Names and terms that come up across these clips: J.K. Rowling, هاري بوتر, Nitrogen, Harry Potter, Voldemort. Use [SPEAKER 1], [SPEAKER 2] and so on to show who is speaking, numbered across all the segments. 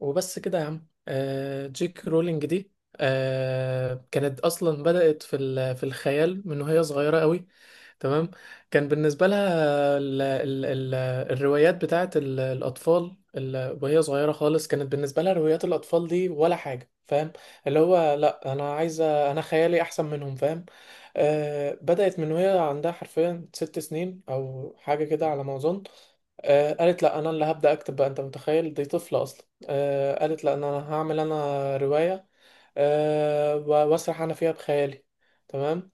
[SPEAKER 1] وبس كده يا عم جيك رولينج دي كانت اصلا بدأت في الخيال من وهي صغيرة قوي. تمام. كان بالنسبة لها ال ال ال الروايات بتاعت الأطفال وهي صغيرة خالص، كانت بالنسبة لها روايات الأطفال دي ولا حاجة، فاهم؟ اللي هو لا، أنا عايزة، خيالي أحسن منهم، فاهم؟ آه، بدأت من وهي عندها حرفيا ست سنين أو حاجة كده على ما أظن. آه، قالت لا، أنا اللي هبدأ أكتب بقى، أنت متخيل؟ دي طفلة أصلا. آه، قالت لأن أنا هعمل رواية. آه، وأسرح أنا فيها بخيالي. تمام.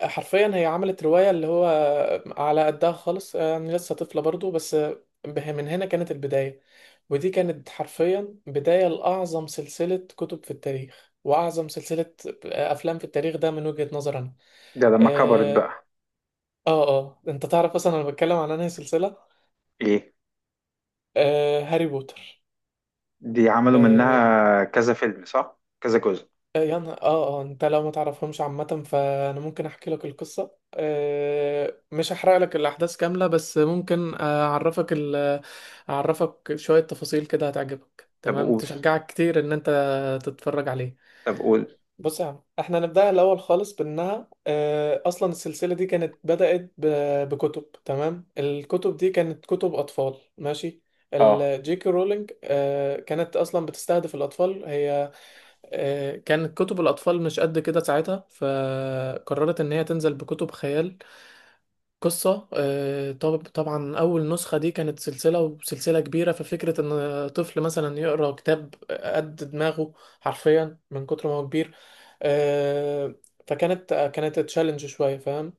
[SPEAKER 1] حرفيا هي عملت رواية اللي هو على قدها خالص. أنا لسه طفلة برضو بس، من هنا كانت البداية. ودي كانت حرفيا بداية لأعظم سلسلة كتب في التاريخ، وأعظم سلسلة أفلام في التاريخ، ده من وجهة نظري أنا.
[SPEAKER 2] ده لما كبرت
[SPEAKER 1] آه.
[SPEAKER 2] بقى
[SPEAKER 1] أنت تعرف أصلا أنا بتكلم عن أنهي سلسلة؟
[SPEAKER 2] ايه؟
[SPEAKER 1] آه، هاري بوتر.
[SPEAKER 2] دي عملوا
[SPEAKER 1] آه.
[SPEAKER 2] منها كذا فيلم صح، كذا جزء؟
[SPEAKER 1] يا نهار. اه انت لو ما تعرفهمش عامة، فانا ممكن احكي لك القصة. مش هحرق لك الاحداث كاملة بس ممكن اعرفك اعرفك شوية تفاصيل كده، هتعجبك،
[SPEAKER 2] طب
[SPEAKER 1] تمام،
[SPEAKER 2] قول.
[SPEAKER 1] تشجعك كتير ان انت تتفرج عليه.
[SPEAKER 2] طب قول.
[SPEAKER 1] بص يا عم، احنا نبدأها الاول خالص بانها اصلا السلسلة دي كانت بدأت بكتب. تمام، الكتب دي كانت كتب اطفال، ماشي.
[SPEAKER 2] اه
[SPEAKER 1] الجي كي رولينج كانت اصلا بتستهدف الاطفال هي. كانت كتب الأطفال مش قد كده ساعتها، فقررت إن هي تنزل بكتب خيال، قصة. طبعا أول نسخة دي كانت سلسلة، وسلسلة كبيرة، ففكرة إن طفل مثلا يقرأ كتاب قد دماغه حرفيا من كتر ما هو كبير، آه، فكانت كانت تشالنج شوية، فاهم؟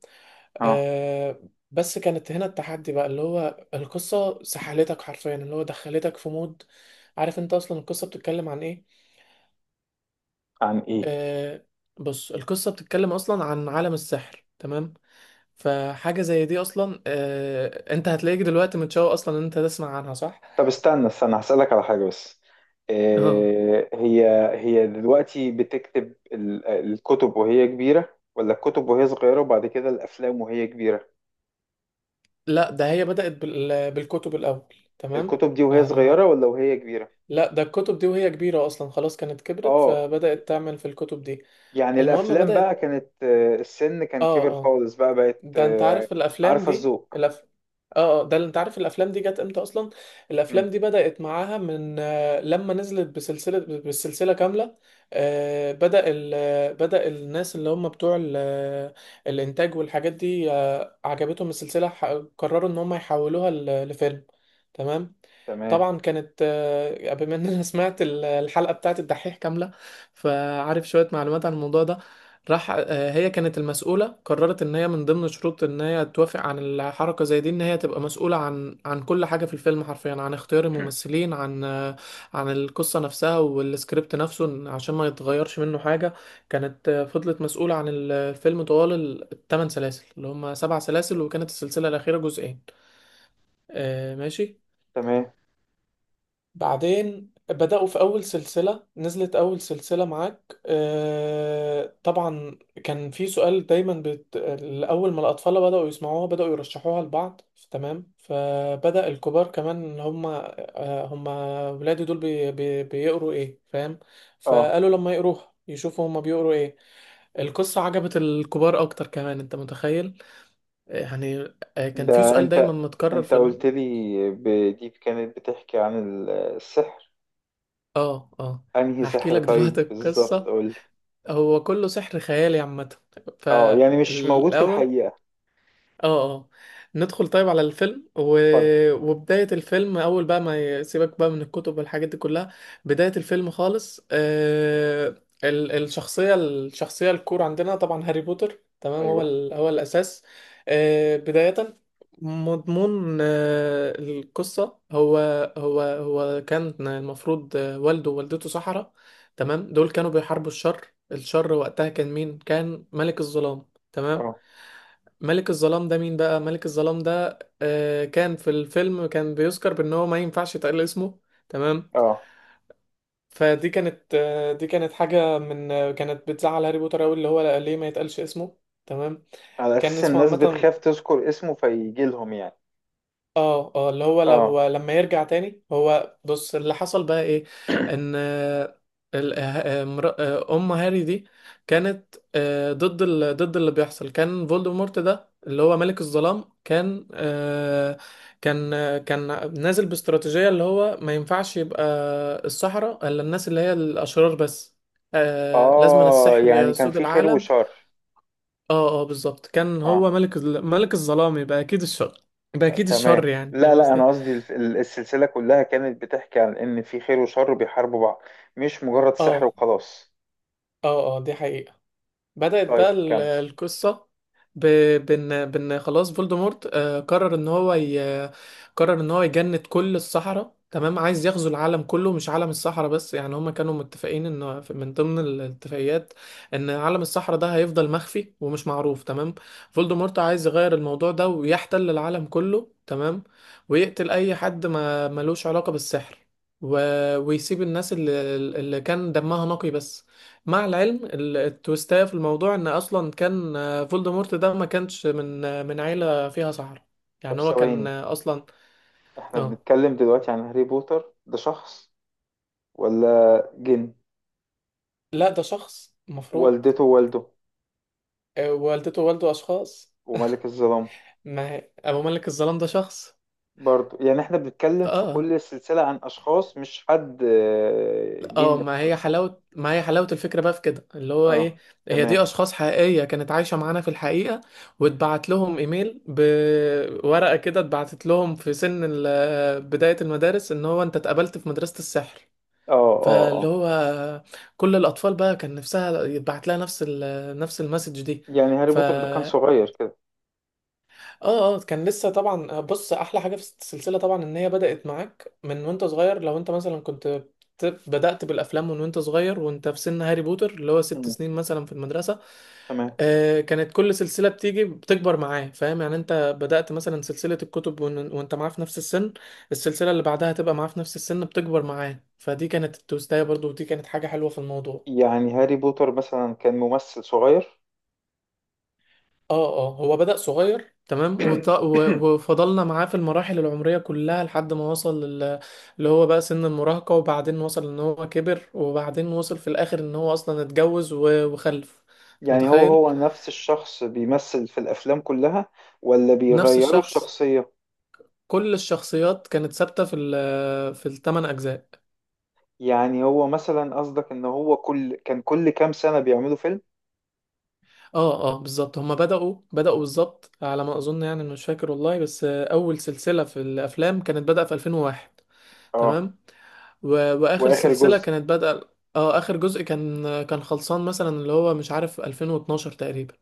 [SPEAKER 2] اه.
[SPEAKER 1] آه، بس كانت هنا التحدي بقى، اللي هو القصة سحلتك حرفيا، اللي هو دخلتك في مود. عارف انت اصلا القصة بتتكلم عن ايه؟
[SPEAKER 2] عن ايه؟
[SPEAKER 1] آه. بص، القصة بتتكلم أصلا عن عالم السحر، تمام. فحاجة زي دي أصلا، آه، أنت هتلاقيك دلوقتي متشوق أصلا إن أنت تسمع عنها، صح؟
[SPEAKER 2] طب استنى استنى، هسألك على حاجة بس.
[SPEAKER 1] اه.
[SPEAKER 2] إيه هي؟ هي دلوقتي بتكتب الكتب وهي كبيرة ولا الكتب وهي صغيرة وبعد كده الأفلام وهي كبيرة؟
[SPEAKER 1] لا، ده هي بدأت بالكتب الأول. تمام.
[SPEAKER 2] الكتب دي وهي صغيرة
[SPEAKER 1] أنا.
[SPEAKER 2] ولا وهي كبيرة؟
[SPEAKER 1] لا، ده الكتب دي وهي كبيرة أصلا، خلاص كانت كبرت
[SPEAKER 2] اه.
[SPEAKER 1] فبدأت تعمل في الكتب دي.
[SPEAKER 2] يعني
[SPEAKER 1] المهم
[SPEAKER 2] الأفلام بقى
[SPEAKER 1] بدأت.
[SPEAKER 2] كانت السن كان
[SPEAKER 1] اه
[SPEAKER 2] كبر
[SPEAKER 1] اه
[SPEAKER 2] خالص بقى بقت
[SPEAKER 1] ده انت عارف الافلام
[SPEAKER 2] عارفة
[SPEAKER 1] دي
[SPEAKER 2] الذوق.
[SPEAKER 1] الأف... اه اه ده اللي انت عارف الافلام دي جت امتى اصلا؟
[SPEAKER 2] مم،
[SPEAKER 1] الافلام دي بدأت معاها من لما نزلت بالسلسلة كاملة. بدأ ال... آه، بدأ الناس اللي هم بتوع ال... آه، الانتاج والحاجات دي، عجبتهم السلسلة، قرروا ان هم يحولوها لفيلم. تمام.
[SPEAKER 2] تمام.
[SPEAKER 1] طبعا كانت، بما ان انا سمعت الحلقة بتاعت الدحيح كاملة، فعارف شوية معلومات عن الموضوع ده. راح، هي كانت المسؤولة، قررت ان هي من ضمن شروط ان هي توافق عن الحركة زي دي ان هي تبقى مسؤولة عن كل حاجة في الفيلم حرفيا، عن اختيار الممثلين، عن عن القصة نفسها والسكريبت نفسه، عشان ما يتغيرش منه حاجة. كانت فضلت مسؤولة عن الفيلم طوال الثمان سلاسل، اللي هم سبع سلاسل، وكانت السلسلة الأخيرة جزئين. ماشي.
[SPEAKER 2] تمام.
[SPEAKER 1] بعدين بدأوا في أول سلسلة نزلت، أول سلسلة معاك. طبعا كان في سؤال دايما أول ما الأطفال بدأوا يسمعوها بدأوا يرشحوها لبعض، تمام. فبدأ الكبار كمان إن هما، هما ولادي دول بيقروا إيه، فاهم؟
[SPEAKER 2] اه.
[SPEAKER 1] فقالوا لما يقروها يشوفوا هما بيقروا إيه. القصة عجبت الكبار أكتر كمان، أنت متخيل؟ يعني، كان في
[SPEAKER 2] ده
[SPEAKER 1] سؤال دايما
[SPEAKER 2] انت
[SPEAKER 1] متكرر
[SPEAKER 2] انت
[SPEAKER 1] في ال...
[SPEAKER 2] قلت لي دي كانت بتحكي عن السحر.
[SPEAKER 1] آه آه
[SPEAKER 2] انهي
[SPEAKER 1] هحكي
[SPEAKER 2] سحر
[SPEAKER 1] لك
[SPEAKER 2] طيب
[SPEAKER 1] دلوقتي
[SPEAKER 2] بالظبط،
[SPEAKER 1] القصة.
[SPEAKER 2] قول لي.
[SPEAKER 1] هو كله سحر خيالي عامة.
[SPEAKER 2] اه، يعني مش موجود في
[SPEAKER 1] فالأول.
[SPEAKER 2] الحقيقة؟
[SPEAKER 1] اه. اه. ندخل طيب على الفيلم
[SPEAKER 2] اتفضل.
[SPEAKER 1] وبداية الفيلم، أول بقى ما يسيبك بقى من الكتب والحاجات دي كلها. بداية الفيلم خالص الشخصية الكور عندنا طبعا هاري بوتر، تمام، هو
[SPEAKER 2] ايوه.
[SPEAKER 1] هو الأساس. بداية مضمون القصة، هو كان المفروض والده ووالدته سحرة، تمام. دول كانوا بيحاربوا الشر. وقتها كان مين؟ كان ملك الظلام. تمام.
[SPEAKER 2] اه
[SPEAKER 1] ملك الظلام ده مين بقى؟ ملك الظلام ده آه، كان في الفيلم كان بيذكر بان هو ما ينفعش يتقال اسمه، تمام.
[SPEAKER 2] اه.
[SPEAKER 1] فدي كانت آه دي كانت حاجة من آه، كانت بتزعل هاري بوتر قوي، اللي هو ليه ما يتقالش اسمه، تمام.
[SPEAKER 2] على
[SPEAKER 1] كان
[SPEAKER 2] اساس
[SPEAKER 1] اسمه
[SPEAKER 2] الناس
[SPEAKER 1] عامة.
[SPEAKER 2] بتخاف تذكر اسمه فيجي لهم يعني.
[SPEAKER 1] اه اللي هو
[SPEAKER 2] اه
[SPEAKER 1] لما يرجع تاني. هو بص، اللي حصل بقى ايه، ان ام هاري دي كانت ضد ضد اللي بيحصل. كان فولدمورت ده اللي هو ملك الظلام، كان كان نازل باستراتيجية اللي هو ما ينفعش يبقى السحرة الا الناس اللي هي الاشرار بس، لازم
[SPEAKER 2] اه،
[SPEAKER 1] السحر
[SPEAKER 2] يعني كان
[SPEAKER 1] يسود
[SPEAKER 2] في خير
[SPEAKER 1] العالم.
[SPEAKER 2] وشر.
[SPEAKER 1] اه بالظبط، كان
[SPEAKER 2] اه
[SPEAKER 1] هو ملك ملك الظلام يبقى اكيد الشر،
[SPEAKER 2] تمام،
[SPEAKER 1] يعني
[SPEAKER 2] لا
[SPEAKER 1] فاهم
[SPEAKER 2] لا
[SPEAKER 1] قصدي؟
[SPEAKER 2] انا قصدي السلسلة كلها كانت بتحكي عن ان في خير وشر بيحاربوا بعض، مش مجرد سحر
[SPEAKER 1] اه.
[SPEAKER 2] وخلاص.
[SPEAKER 1] اه دي حقيقة. بدأت بقى
[SPEAKER 2] طيب كمل.
[SPEAKER 1] القصة ب... بن... بن خلاص. فولدمورت آه، قرر ان هو قرر ان هو يجند كل الصحراء. تمام، عايز يغزو العالم كله، مش عالم الصحراء بس، يعني هما كانوا متفقين ان من ضمن الاتفاقيات ان عالم الصحراء ده هيفضل مخفي ومش معروف، تمام. فولدمورت عايز يغير الموضوع ده ويحتل العالم كله، تمام. ويقتل اي حد ما ملوش علاقة بالسحر، و... ويسيب الناس اللي كان دمها نقي بس. مع العلم التويستاية في الموضوع ان اصلا كان فولدمورت ده ما كانش من من عيلة فيها سحرة،
[SPEAKER 2] طب
[SPEAKER 1] يعني هو كان
[SPEAKER 2] ثواني،
[SPEAKER 1] اصلا.
[SPEAKER 2] احنا
[SPEAKER 1] اه.
[SPEAKER 2] بنتكلم دلوقتي عن هاري بوتر، ده شخص ولا جن؟
[SPEAKER 1] لا، ده شخص مفروض.
[SPEAKER 2] والدته ووالده؟
[SPEAKER 1] والدته ووالده اشخاص.
[SPEAKER 2] وملك الظلام؟
[SPEAKER 1] ما هي... ابو ملك الظلام ده شخص.
[SPEAKER 2] برضو يعني احنا بنتكلم في
[SPEAKER 1] اه.
[SPEAKER 2] كل السلسلة عن اشخاص، مش حد جن.
[SPEAKER 1] ما هي حلاوة، الفكرة بقى في كده اللي هو
[SPEAKER 2] اه
[SPEAKER 1] ايه. هي دي
[SPEAKER 2] تمام.
[SPEAKER 1] اشخاص حقيقية كانت عايشة معانا في الحقيقة، واتبعت لهم ايميل بورقة كده، اتبعتت لهم في سن بداية المدارس، ان هو انت اتقبلت في مدرسة السحر.
[SPEAKER 2] اه اه.
[SPEAKER 1] فاللي
[SPEAKER 2] اه،
[SPEAKER 1] هو كل الاطفال بقى كان نفسها يتبعت لها نفس المسج دي.
[SPEAKER 2] يعني هاري
[SPEAKER 1] ف
[SPEAKER 2] بوتر ده كان صغير كده؟
[SPEAKER 1] اه. كان لسه طبعا. بص، احلى حاجه في السلسله طبعا ان هي بدات معاك من وانت صغير. لو انت مثلا كنت بدات بالافلام من وانت صغير، وانت في سن هاري بوتر اللي هو ست
[SPEAKER 2] مم،
[SPEAKER 1] سنين مثلا في المدرسه.
[SPEAKER 2] تمام.
[SPEAKER 1] آه، كانت كل سلسله بتيجي بتكبر معاه، فاهم؟ يعني انت بدات مثلا سلسله الكتب وانت معاه في نفس السن، السلسله اللي بعدها هتبقى معاه في نفس السن، بتكبر معاه. فدي كانت التوستايه برضو، ودي كانت حاجه حلوه في الموضوع.
[SPEAKER 2] يعني هاري بوتر مثلا كان ممثل صغير؟
[SPEAKER 1] اه هو بدأ صغير، تمام، وفضلنا معاه في المراحل العمرية كلها لحد ما وصل اللي هو بقى سن المراهقة، وبعدين وصل ان هو كبر، وبعدين وصل في الاخر ان هو اصلا اتجوز وخلف، انت
[SPEAKER 2] يعني هو
[SPEAKER 1] متخيل؟
[SPEAKER 2] هو نفس الشخص بيمثل في الافلام كلها ولا
[SPEAKER 1] نفس
[SPEAKER 2] بيغيروا
[SPEAKER 1] الشخص.
[SPEAKER 2] الشخصية؟
[SPEAKER 1] كل الشخصيات كانت ثابتة في في الثمان اجزاء.
[SPEAKER 2] يعني هو مثلا قصدك ان هو كل كام سنة بيعملوا فيلم؟
[SPEAKER 1] اه بالظبط. هما بدأوا بالظبط على ما اظن، يعني مش فاكر والله، بس اول سلسلة في الافلام كانت بدأ في 2001،
[SPEAKER 2] اه.
[SPEAKER 1] تمام. و... واخر
[SPEAKER 2] واخر
[SPEAKER 1] سلسلة
[SPEAKER 2] جزء؟
[SPEAKER 1] كانت بادئة، اه، اخر جزء كان خلصان مثلا اللي هو مش عارف 2012 تقريبا.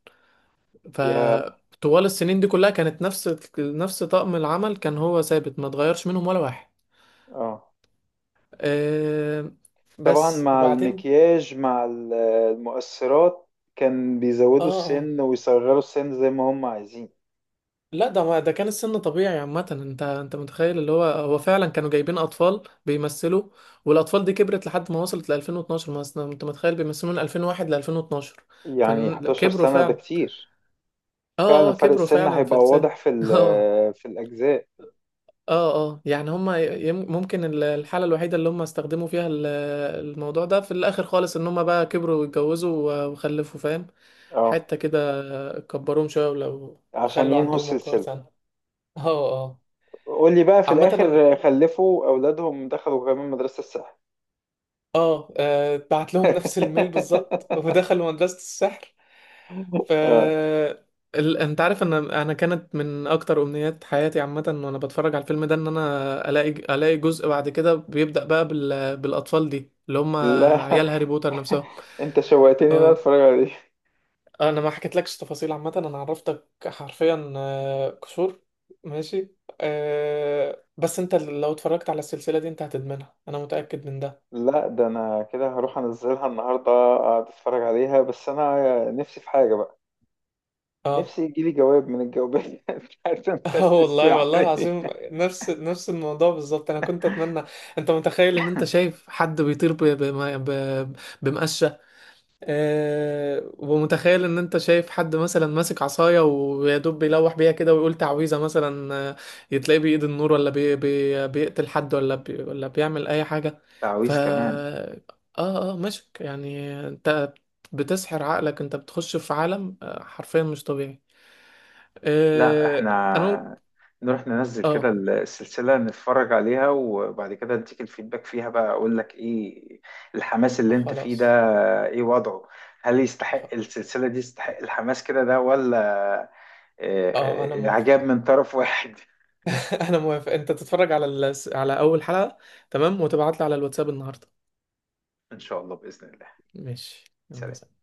[SPEAKER 2] يا.
[SPEAKER 1] فطوال السنين دي كلها كانت نفس طقم العمل كان هو ثابت، ما اتغيرش منهم ولا واحد.
[SPEAKER 2] اه
[SPEAKER 1] أه...
[SPEAKER 2] طبعا،
[SPEAKER 1] بس
[SPEAKER 2] مع
[SPEAKER 1] وبعدين.
[SPEAKER 2] المكياج مع المؤثرات كان
[SPEAKER 1] اه
[SPEAKER 2] بيزودوا
[SPEAKER 1] اه
[SPEAKER 2] السن ويصغروا السن زي ما هم عايزين.
[SPEAKER 1] لا، ده ما ده كان السن طبيعي عامة. انت متخيل اللي هو هو فعلا كانوا جايبين اطفال بيمثلوا، والاطفال دي كبرت لحد ما وصلت ل 2012. ما أصل انت متخيل بيمثلوا من 2001 ل 2012،
[SPEAKER 2] يعني 11
[SPEAKER 1] فكبروا
[SPEAKER 2] سنة ده
[SPEAKER 1] فعلا.
[SPEAKER 2] كتير. فعلا
[SPEAKER 1] اه
[SPEAKER 2] فرق
[SPEAKER 1] كبروا
[SPEAKER 2] السن
[SPEAKER 1] فعلا في
[SPEAKER 2] هيبقى
[SPEAKER 1] السن
[SPEAKER 2] واضح في
[SPEAKER 1] اه.
[SPEAKER 2] في الأجزاء.
[SPEAKER 1] اه يعني هما ممكن الحالة الوحيدة اللي هما استخدموا فيها الموضوع ده في الآخر خالص، ان هما بقى كبروا واتجوزوا وخلفوا، فاهم؟
[SPEAKER 2] اه،
[SPEAKER 1] حتة كده كبروهم شوية ولو
[SPEAKER 2] عشان
[SPEAKER 1] خلوا
[SPEAKER 2] ينهوا
[SPEAKER 1] عندهم وقار
[SPEAKER 2] السلسلة.
[SPEAKER 1] سنة. اه. اه.
[SPEAKER 2] قول لي بقى في
[SPEAKER 1] عامة
[SPEAKER 2] الآخر خلفوا أولادهم دخلوا كمان مدرسة السحر؟
[SPEAKER 1] اه، بعت لهم نفس الميل بالظبط ودخلوا مدرسة السحر. ف
[SPEAKER 2] اه
[SPEAKER 1] انت عارف ان انا كانت من اكتر امنيات حياتي عامة وانا بتفرج على الفيلم ده ان انا الاقي جزء بعد كده بيبدأ بقى بالاطفال دي اللي هم
[SPEAKER 2] لا،
[SPEAKER 1] عيال هاري بوتر نفسهم.
[SPEAKER 2] انت شوقتني ان انا
[SPEAKER 1] اه،
[SPEAKER 2] اتفرج عليه.
[SPEAKER 1] انا ما حكيتلكش تفاصيل عامة، انا عرفتك حرفيا قشور، ماشي. أه بس انت لو اتفرجت على السلسلة دي انت هتدمنها، انا متأكد من ده.
[SPEAKER 2] لا ده انا كده هروح انزلها النهارده اقعد اتفرج عليها، بس انا نفسي في حاجه بقى.
[SPEAKER 1] اه.
[SPEAKER 2] نفسي يجيلي جواب من الجوابات بتاعت
[SPEAKER 1] اه
[SPEAKER 2] مدرسه
[SPEAKER 1] والله، والله
[SPEAKER 2] السحر دي.
[SPEAKER 1] العظيم نفس الموضوع بالظبط، انا كنت اتمنى. انت متخيل ان انت شايف حد بيطير ب... بمقشه، ومتخيل ان انت شايف حد مثلا ماسك عصايه ويا دوب بيلوح بيها كده ويقول تعويذه مثلا، يتلاقيه بايد النور، ولا بيقتل حد، ولا ولا بيعمل اي حاجه. ف
[SPEAKER 2] تعويذ كمان؟
[SPEAKER 1] اه. اه مشك، يعني انت بتسحر عقلك، انت بتخش في عالم حرفيا مش طبيعي.
[SPEAKER 2] لا
[SPEAKER 1] أه... انا ممكن...
[SPEAKER 2] احنا نروح ننزل كده
[SPEAKER 1] اه
[SPEAKER 2] السلسله نتفرج عليها وبعد كده اديك الفيدباك فيها بقى، اقول لك ايه الحماس اللي انت فيه ده.
[SPEAKER 1] خلاص.
[SPEAKER 2] ايه وضعه؟ هل يستحق
[SPEAKER 1] خ-
[SPEAKER 2] السلسله دي يستحق الحماس كده ده ولا آه،
[SPEAKER 1] اه انا
[SPEAKER 2] آه،
[SPEAKER 1] موافق
[SPEAKER 2] عجاب من طرف واحد.
[SPEAKER 1] انا موافق، انت تتفرج على على اول حلقة، تمام، وتبعت لي على الواتساب النهاردة.
[SPEAKER 2] إن شاء الله بإذن الله.
[SPEAKER 1] ماشي، يلا
[SPEAKER 2] سلام.
[SPEAKER 1] سلام.